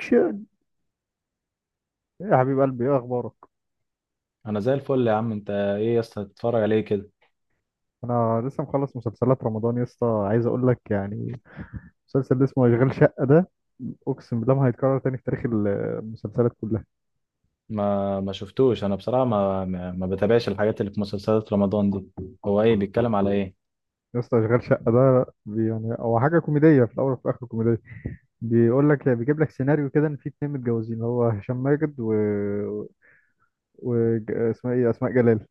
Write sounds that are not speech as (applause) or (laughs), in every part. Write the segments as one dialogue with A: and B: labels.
A: اكشن. يا حبيب قلبي، ايه اخبارك؟
B: انا زي الفل يا عم، انت ايه يا اسطى تتفرج عليه كده؟
A: انا لسه مخلص مسلسلات رمضان يا اسطى، عايز اقول لك يعني المسلسل اللي اسمه اشغال شقه ده، اقسم بالله ما هيتكرر تاني في تاريخ المسلسلات كلها.
B: ما شفتوش انا بصراحه، ما بتابعش الحاجات اللي في مسلسلات رمضان دي. هو ايه بيتكلم على ايه؟
A: يا اسطى اشغال شقه ده يعني هو حاجه كوميديه في الاول وفي الاخر كوميديه. بيقول لك إيه، بيجيب لك سيناريو كده ان في اتنين متجوزين اللي هو هشام ماجد و اسمها ايه اسماء جلال.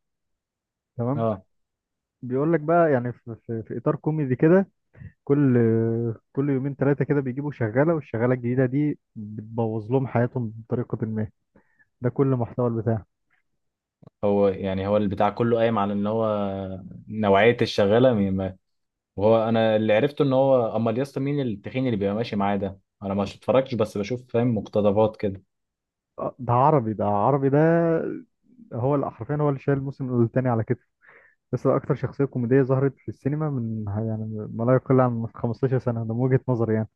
A: تمام.
B: اه،
A: بيقول لك بقى يعني في اطار كوميدي كده، كل كل يومين ثلاثة كده بيجيبوا شغالة، والشغالة الجديدة دي بتبوظ لهم حياتهم بطريقة ما. ده كل محتوى البتاع.
B: هو يعني هو البتاع كله قايم على ان هو نوعيه الشغاله مين وهو انا اللي عرفته ان هو. امال يا اسطى مين التخين اللي بيبقى ماشي معاه ده؟ انا ما اتفرجتش بس بشوف فاهم، مقتطفات كده.
A: آه، ده عربي، ده عربي ده، هو اللي حرفيا هو اللي شايل الموسم الثاني على كتفه. بس ده أكتر شخصية كوميدية ظهرت في السينما من يعني ما لا يقل عن 15 سنة، ده من وجهة نظري يعني.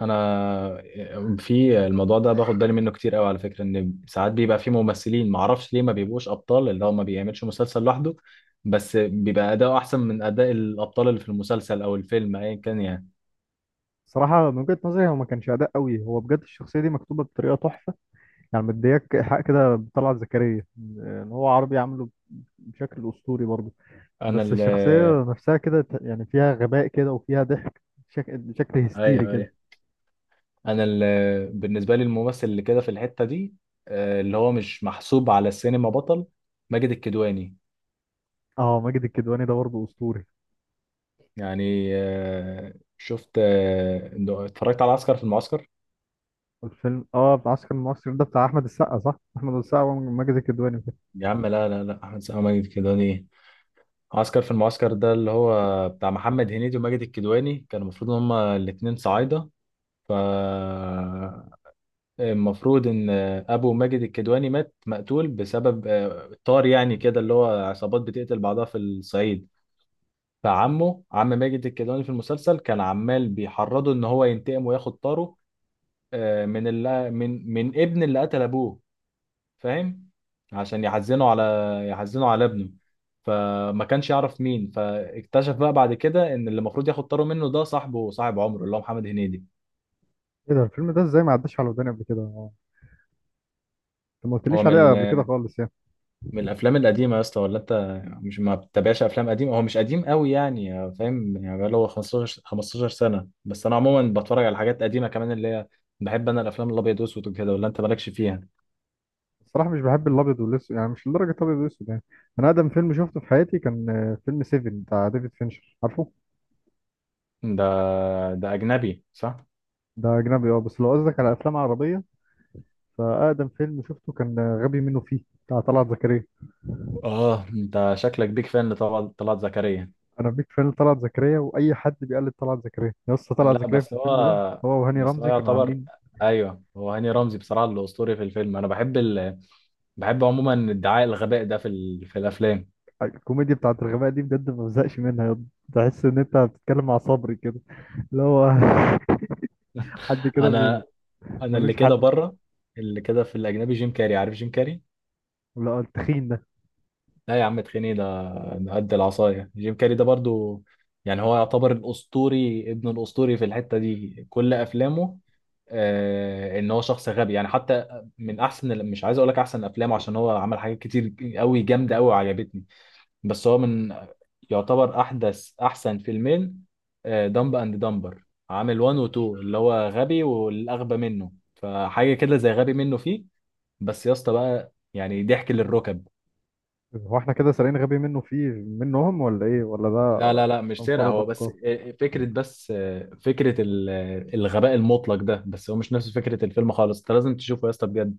B: انا في الموضوع ده باخد بالي منه كتير قوي، على فكره، ان ساعات بيبقى في ممثلين ما اعرفش ليه ما بيبقوش ابطال، اللي هو ما بيعملش مسلسل لوحده، بس بيبقى اداؤه احسن من اداء الابطال اللي في المسلسل او الفيلم ايا كان يعني.
A: صراحة من وجهة نظري هو ما كانش أداء قوي، هو بجد الشخصية دي مكتوبة بطريقة تحفة. يعني مدياك حق كده بطلعت زكريا إن هو عربي عامله بشكل أسطوري برضه.
B: انا
A: بس
B: ال
A: الشخصية نفسها كده يعني فيها غباء كده وفيها ضحك، شكل هستيري
B: ايوه
A: كده.
B: ايوه. انا ال بالنسبه لي الممثل اللي كده في الحته دي، اللي هو مش محسوب على السينما بطل، ماجد الكدواني.
A: اه، ماجد الكدواني ده برضه أسطوري.
B: يعني شفت، اتفرجت على عسكر في المعسكر.
A: الفيلم اه بتاع عسكر المصري ده بتاع أحمد السقا صح؟ أحمد السقا وماجد الكدواني وكده.
B: يا عم لا لا لا، احمد سامي ماجد الكدواني إيه؟ عسكر في المعسكر ده اللي هو بتاع محمد هنيدي وماجد الكدواني، كانوا المفروض ان هما الاتنين صعايدة. ف المفروض ان ابو ماجد الكدواني مات مقتول بسبب طار يعني، كده اللي هو عصابات بتقتل بعضها في الصعيد. فعمه، عم ماجد الكدواني، في المسلسل كان عمال بيحرضه ان هو ينتقم وياخد طاره، من اللي، من ابن اللي قتل ابوه، فاهم، عشان يحزنوا على ابنه. فما كانش يعرف مين، فاكتشف بقى بعد كده ان اللي المفروض ياخد طاره منه ده صاحبه، صاحب عمره، اللي هو محمد هنيدي.
A: ايه ده الفيلم ده ازاي ما عداش على وداني قبل كده؟ انت ما
B: هو
A: قلتليش
B: من
A: عليه قبل كده
B: ال-
A: خالص يعني.
B: من الافلام القديمه يا اسطى، ولا انت مش ما بتتابعش افلام قديمه؟ هو مش قديم قوي يعني، فاهم، يعني بقى له 15 سنه، بس انا عموما بتفرج على حاجات قديمه كمان اللي هي، بحب انا الافلام الابيض واسود وكده، ولا انت مالكش فيها؟
A: الصراحة مش بحب الأبيض والأسود، يعني مش لدرجة الأبيض والأسود يعني. أنا أقدم فيلم شفته في حياتي كان فيلم سيفن بتاع ديفيد فينشر، عارفه؟
B: ده ده اجنبي صح.
A: ده أجنبي اه، بس لو قصدك على أفلام عربية فأقدم فيلم شفته كان غبي منه فيه بتاع طلعت زكريا.
B: اه انت شكلك بيك فان لطلعت طلعت زكريا.
A: انا بيك فان طلعت زكريا، واي حد بيقلد طلعت زكريا يا اسطى طلعت
B: لا
A: زكريا
B: بس
A: في الفيلم ده.
B: هو،
A: هو وهاني
B: بس هو
A: رمزي كانوا
B: يعتبر،
A: عاملين
B: ايوه هو هاني رمزي بصراحه الاسطوري في الفيلم. انا بحب عموما ادعاء الغباء ده في الافلام.
A: الكوميديا بتاعت الغباء دي، بجد ما بزهقش منها يا اسطى. تحس ان انت بتتكلم مع صبري كده، اللي هو (laughs) حد كده
B: انا انا اللي
A: ملوش
B: كده
A: حل.
B: بره، اللي كده في الاجنبي جيم كاري، عارف جيم كاري؟
A: ولا التخين ده؟
B: لا يا عم، تخيني ده قد العصايه. جيم كاري ده برضو يعني هو يعتبر الاسطوري ابن الاسطوري في الحته دي، كل افلامه ان هو شخص غبي يعني. حتى من احسن مش عايز اقول لك احسن افلامه، عشان هو عمل حاجات كتير قوي جامده قوي وعجبتني، بس هو من، يعتبر احدث احسن فيلمين، دمب اند دمبر، عامل 1 و 2، اللي هو غبي والاغبى منه. فحاجه كده زي غبي منه فيه، بس يا اسطى بقى يعني ضحك للركب.
A: هو احنا كده سارقين غبي منه فيه منهم ولا ايه ولا ده؟
B: لا لا لا مش سرقه،
A: مفترض
B: هو بس
A: افكار.
B: فكره، بس فكره الغباء المطلق ده، بس هو مش نفس فكره الفيلم خالص، انت لازم تشوفه يا اسطى بجد.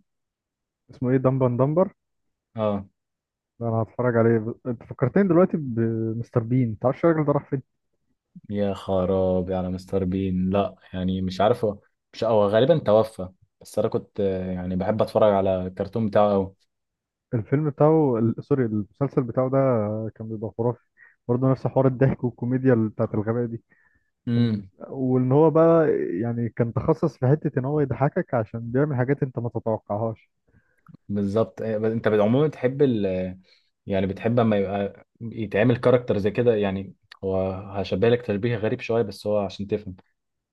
A: اسمه ايه دمبن دمبر؟
B: اه.
A: ده انا هتفرج عليه. انت فكرتني دلوقتي بمستر بين، تعرفش الراجل ده راح فين؟
B: يا خرابي على مستر بين. لا يعني مش عارف مش هو غالبا توفى، بس انا كنت يعني بحب اتفرج على الكرتون بتاعه قوي.
A: الفيلم بتاعه سوري، المسلسل بتاعه ده كان بيبقى خرافي، برضه نفس حوار الضحك والكوميديا بتاعت الغباء دي. كان،
B: امم.
A: وان هو بقى يعني كان تخصص في حتة ان هو يضحكك عشان بيعمل حاجات انت ما تتوقعهاش.
B: بالظبط، بس انت عموما بتحب ال آه، يعني بتحب اما يبقى يتعمل كاركتر زي كده يعني؟ هو هشبه لك تشبيه غريب شويه بس هو عشان تفهم،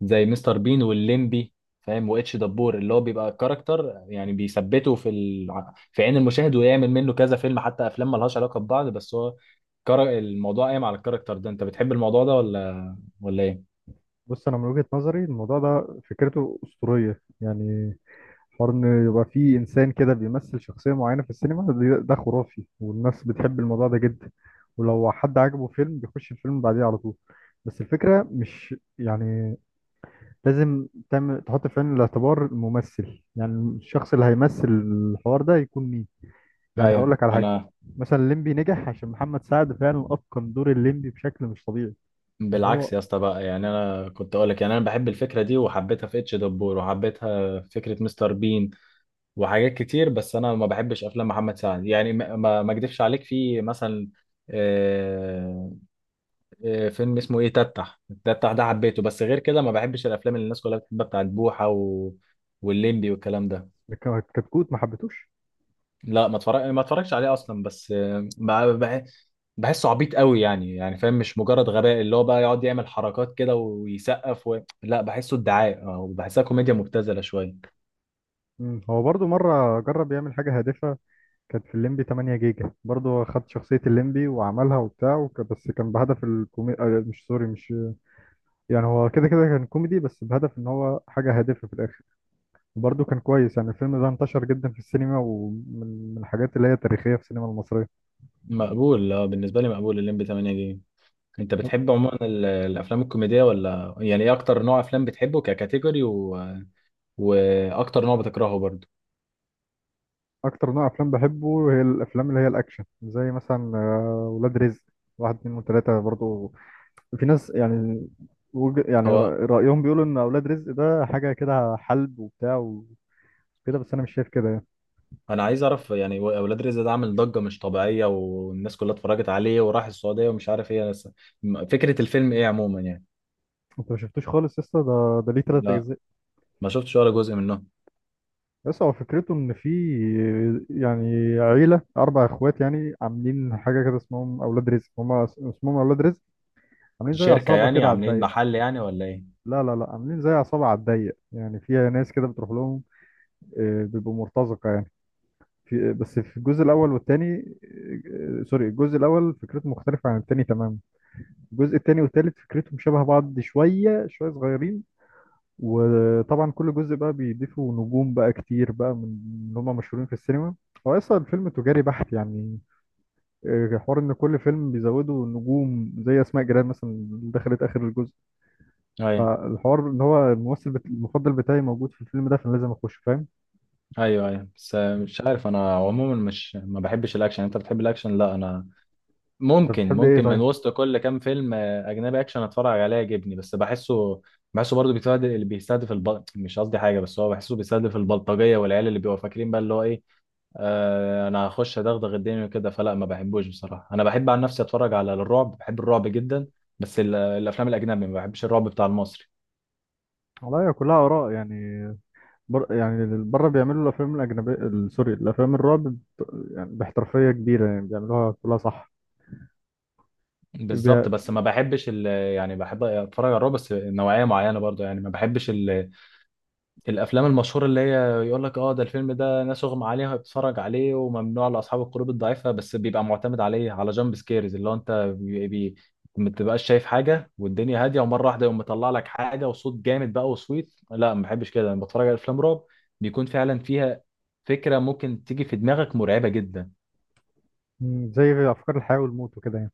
B: زي مستر بين والليمبي، فاهم، واتش دبور، اللي هو بيبقى كاركتر يعني بيثبته في عين المشاهد ويعمل منه كذا فيلم، حتى افلام ملهاش علاقه ببعض، بس هو الموضوع قايم على الكاركتر ده. انت بتحب الموضوع ده ولا ايه؟
A: بص، انا من وجهة نظري الموضوع ده فكرته أسطورية يعني. حوار ان يبقى فيه انسان كده بيمثل شخصية معينة في السينما، ده خرافي، والناس بتحب الموضوع ده جدا، ولو حد عجبه فيلم بيخش الفيلم بعديه على طول. بس الفكرة مش يعني لازم تعمل، تحط في عين الاعتبار الممثل، يعني الشخص اللي هيمثل الحوار ده يكون مين. يعني
B: ايوه
A: هقول لك على حاجه،
B: انا.
A: مثلا الليمبي نجح عشان محمد سعد فعلا اتقن دور الليمبي بشكل مش طبيعي. يعني
B: بالعكس
A: هو
B: يا اسطى بقى، يعني انا كنت اقول لك، يعني انا بحب الفكره دي، وحبيتها في اتش دبور، وحبيتها في فكره مستر بين، وحاجات كتير، بس انا ما بحبش افلام محمد سعد، يعني ما اكدبش عليك، في مثلا آه، فيلم اسمه ايه، تتح التتح ده، حبيته، بس غير كده ما بحبش الافلام اللي الناس كلها بتحبها، بتاعت بوحة و... والليمبي والكلام ده.
A: كتكوت ما حبيتوش.
B: لا ما اتفرجش عليه اصلا، بس بحسه عبيط قوي يعني فاهم، مش مجرد غباء اللي هو بقى يقعد يعمل حركات كده ويسقف لا بحسه ادعاء، وبحسها كوميديا مبتذله شويه.
A: مم. هو برضو مره جرب يعمل حاجه هادفه، كانت في الليمبي 8 جيجا، برضو خد شخصيه الليمبي وعملها وبتاع وك... بس كان بهدف الكومي مش سوري مش، يعني هو كده كده كان كوميدي بس بهدف ان هو حاجه هادفه في الاخر. برضه كان كويس يعني، الفيلم ده انتشر جدا في السينما ومن الحاجات اللي هي تاريخية في السينما المصرية.
B: مقبول، اه بالنسبه لي مقبول الليمبي 8 جيجا. انت بتحب عموما الافلام الكوميديه ولا؟ يعني ايه اكتر نوع افلام بتحبه ككاتيجوري و... واكتر نوع بتكرهه برضه؟
A: أكتر نوع أفلام بحبه هي الأفلام اللي هي الأكشن، زي مثلا ولاد رزق واحد اتنين وتلاتة برضه. في ناس يعني يعني
B: هو
A: رأيهم بيقولوا إن أولاد رزق ده حاجة كده حلب وبتاع وكده، بس أنا مش شايف كده يعني.
B: انا عايز اعرف يعني، اولاد رزق ده عامل ضجه مش طبيعيه، والناس كلها اتفرجت عليه وراح السعوديه ومش عارف ايه، بس فكره الفيلم ايه عموما يعني؟
A: أنت ما شفتوش خالص يا اسطى، ده ليه تلات
B: لا
A: أجزاء.
B: ما شفتش ولا جزء منه.
A: بس هو فكرته إن في، يعني عيلة أربع إخوات يعني عاملين حاجة كده اسمهم أولاد رزق، هما اسمهم أولاد رزق، عاملين زي
B: شركه
A: عصابة
B: يعني؟
A: كده على
B: عاملين
A: الضيق.
B: محل يعني ولا ايه؟
A: لا لا لا، عاملين زي عصابة على الضيق يعني فيها ناس كده بتروح لهم، آه، بيبقوا مرتزقة يعني. في بس في الجزء الأول والتاني، سوري، الجزء الأول فكرته مختلفة عن التاني تماما. الجزء التاني والتالت فكرتهم شبه بعض، شوية شوية صغيرين. وطبعا كل جزء بقى بيضيفوا نجوم بقى كتير بقى من اللي هم مشهورين في السينما. هو أصلا الفيلم تجاري بحت يعني، حوار إن كل فيلم بيزودوا نجوم زي أسماء جلال مثلا اللي دخلت آخر الجزء.
B: ايوه
A: فالحوار ان هو الممثل المفضل بتاعي موجود في الفيلم ده، فانا لازم اخش، فاهم.
B: ايوه ايوه، بس مش عارف. انا عموما مش، ما بحبش الاكشن. انت بتحب الاكشن؟ لا انا
A: انت
B: ممكن،
A: بتحب ايه
B: من
A: طيب؟
B: وسط كل كام فيلم اجنبي اكشن اتفرج عليه يعجبني، بس بحسه، برضه بيستهدف مش قصدي حاجه، بس هو بحسه بيستهدف البلطجيه والعيال اللي بيبقوا فاكرين بقى اللي هو ايه، انا هخش ادغدغ الدنيا كده. فلا ما بحبوش بصراحه. انا بحب عن نفسي اتفرج على الرعب، بحب الرعب جدا، بس الافلام الاجنبي، ما بحبش الرعب بتاع المصري.
A: والله هي كلها اراء يعني. يعني بره بيعملوا الافلام الاجنبيه سوري الافلام الرعب يعني باحترافيه كبيره، يعني بيعملوها كلها صح. بي...
B: بالظبط، بس ما بحبش يعني بحب اتفرج على الرعب بس نوعيه معينه برضو يعني، ما بحبش الافلام المشهوره اللي هي يقول لك اه ده الفيلم ده ناس اغمى عليها بتتفرج عليه وممنوع لاصحاب القلوب الضعيفه، بس بيبقى معتمد عليه على جامب سكيرز، اللي هو انت ما بتبقاش شايف حاجه والدنيا هاديه، ومره واحده يقوم مطلع لك حاجه وصوت جامد بقى وصويت. لا ما بحبش كده، لما بتفرج على افلام رعب بيكون فعلا فيها فكره ممكن تيجي في دماغك مرعبه جدا.
A: م، زي افكار الحياه والموت وكده يعني.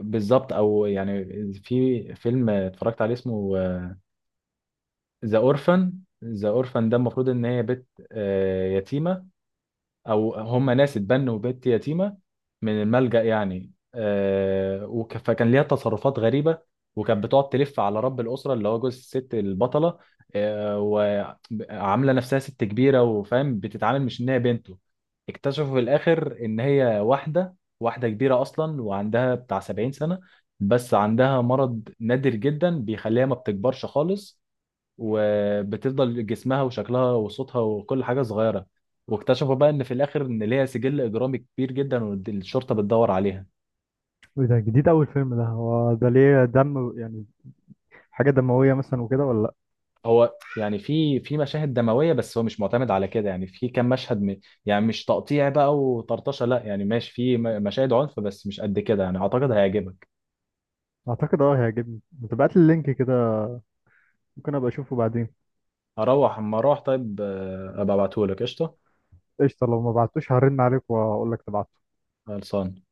B: بالظبط، او يعني في فيلم اتفرجت عليه اسمه ذا اورفن. ذا اورفن ده المفروض ان هي بنت يتيمه، او هم ناس اتبنوا بنت يتيمه من الملجأ يعني. فكان ليها تصرفات غريبه، وكانت بتقعد تلف على رب الاسره، اللي هو جوز الست البطله، وعامله نفسها ست كبيره، وفاهم بتتعامل مش ان هي بنته. اكتشفوا في الاخر ان هي واحده كبيره اصلا، وعندها بتاع 70 سنه، بس عندها مرض نادر جدا بيخليها ما بتكبرش خالص، وبتفضل جسمها وشكلها وصوتها وكل حاجه صغيره. واكتشفوا بقى ان في الاخر ان ليها سجل اجرامي كبير جدا والشرطه بتدور عليها.
A: ايه ده جديد؟ اول فيلم ده، هو ده ليه دم يعني؟ حاجه دمويه مثلا وكده ولا لا؟
B: هو يعني في مشاهد دمويه، بس هو مش معتمد على كده، يعني في كام مشهد، يعني مش تقطيع بقى وطرطشه، لا يعني ماشي في مشاهد عنف بس مش قد كده يعني، اعتقد هيعجبك.
A: اعتقد اه هيعجبني، ما تبعت لي اللينك كده، ممكن ابقى اشوفه بعدين.
B: اروح اما اروح طيب، ابقى ابعتهولك. قشطه.
A: قشطه، لو ما بعتوش هرن عليك واقول لك تبعته.
B: خلصان.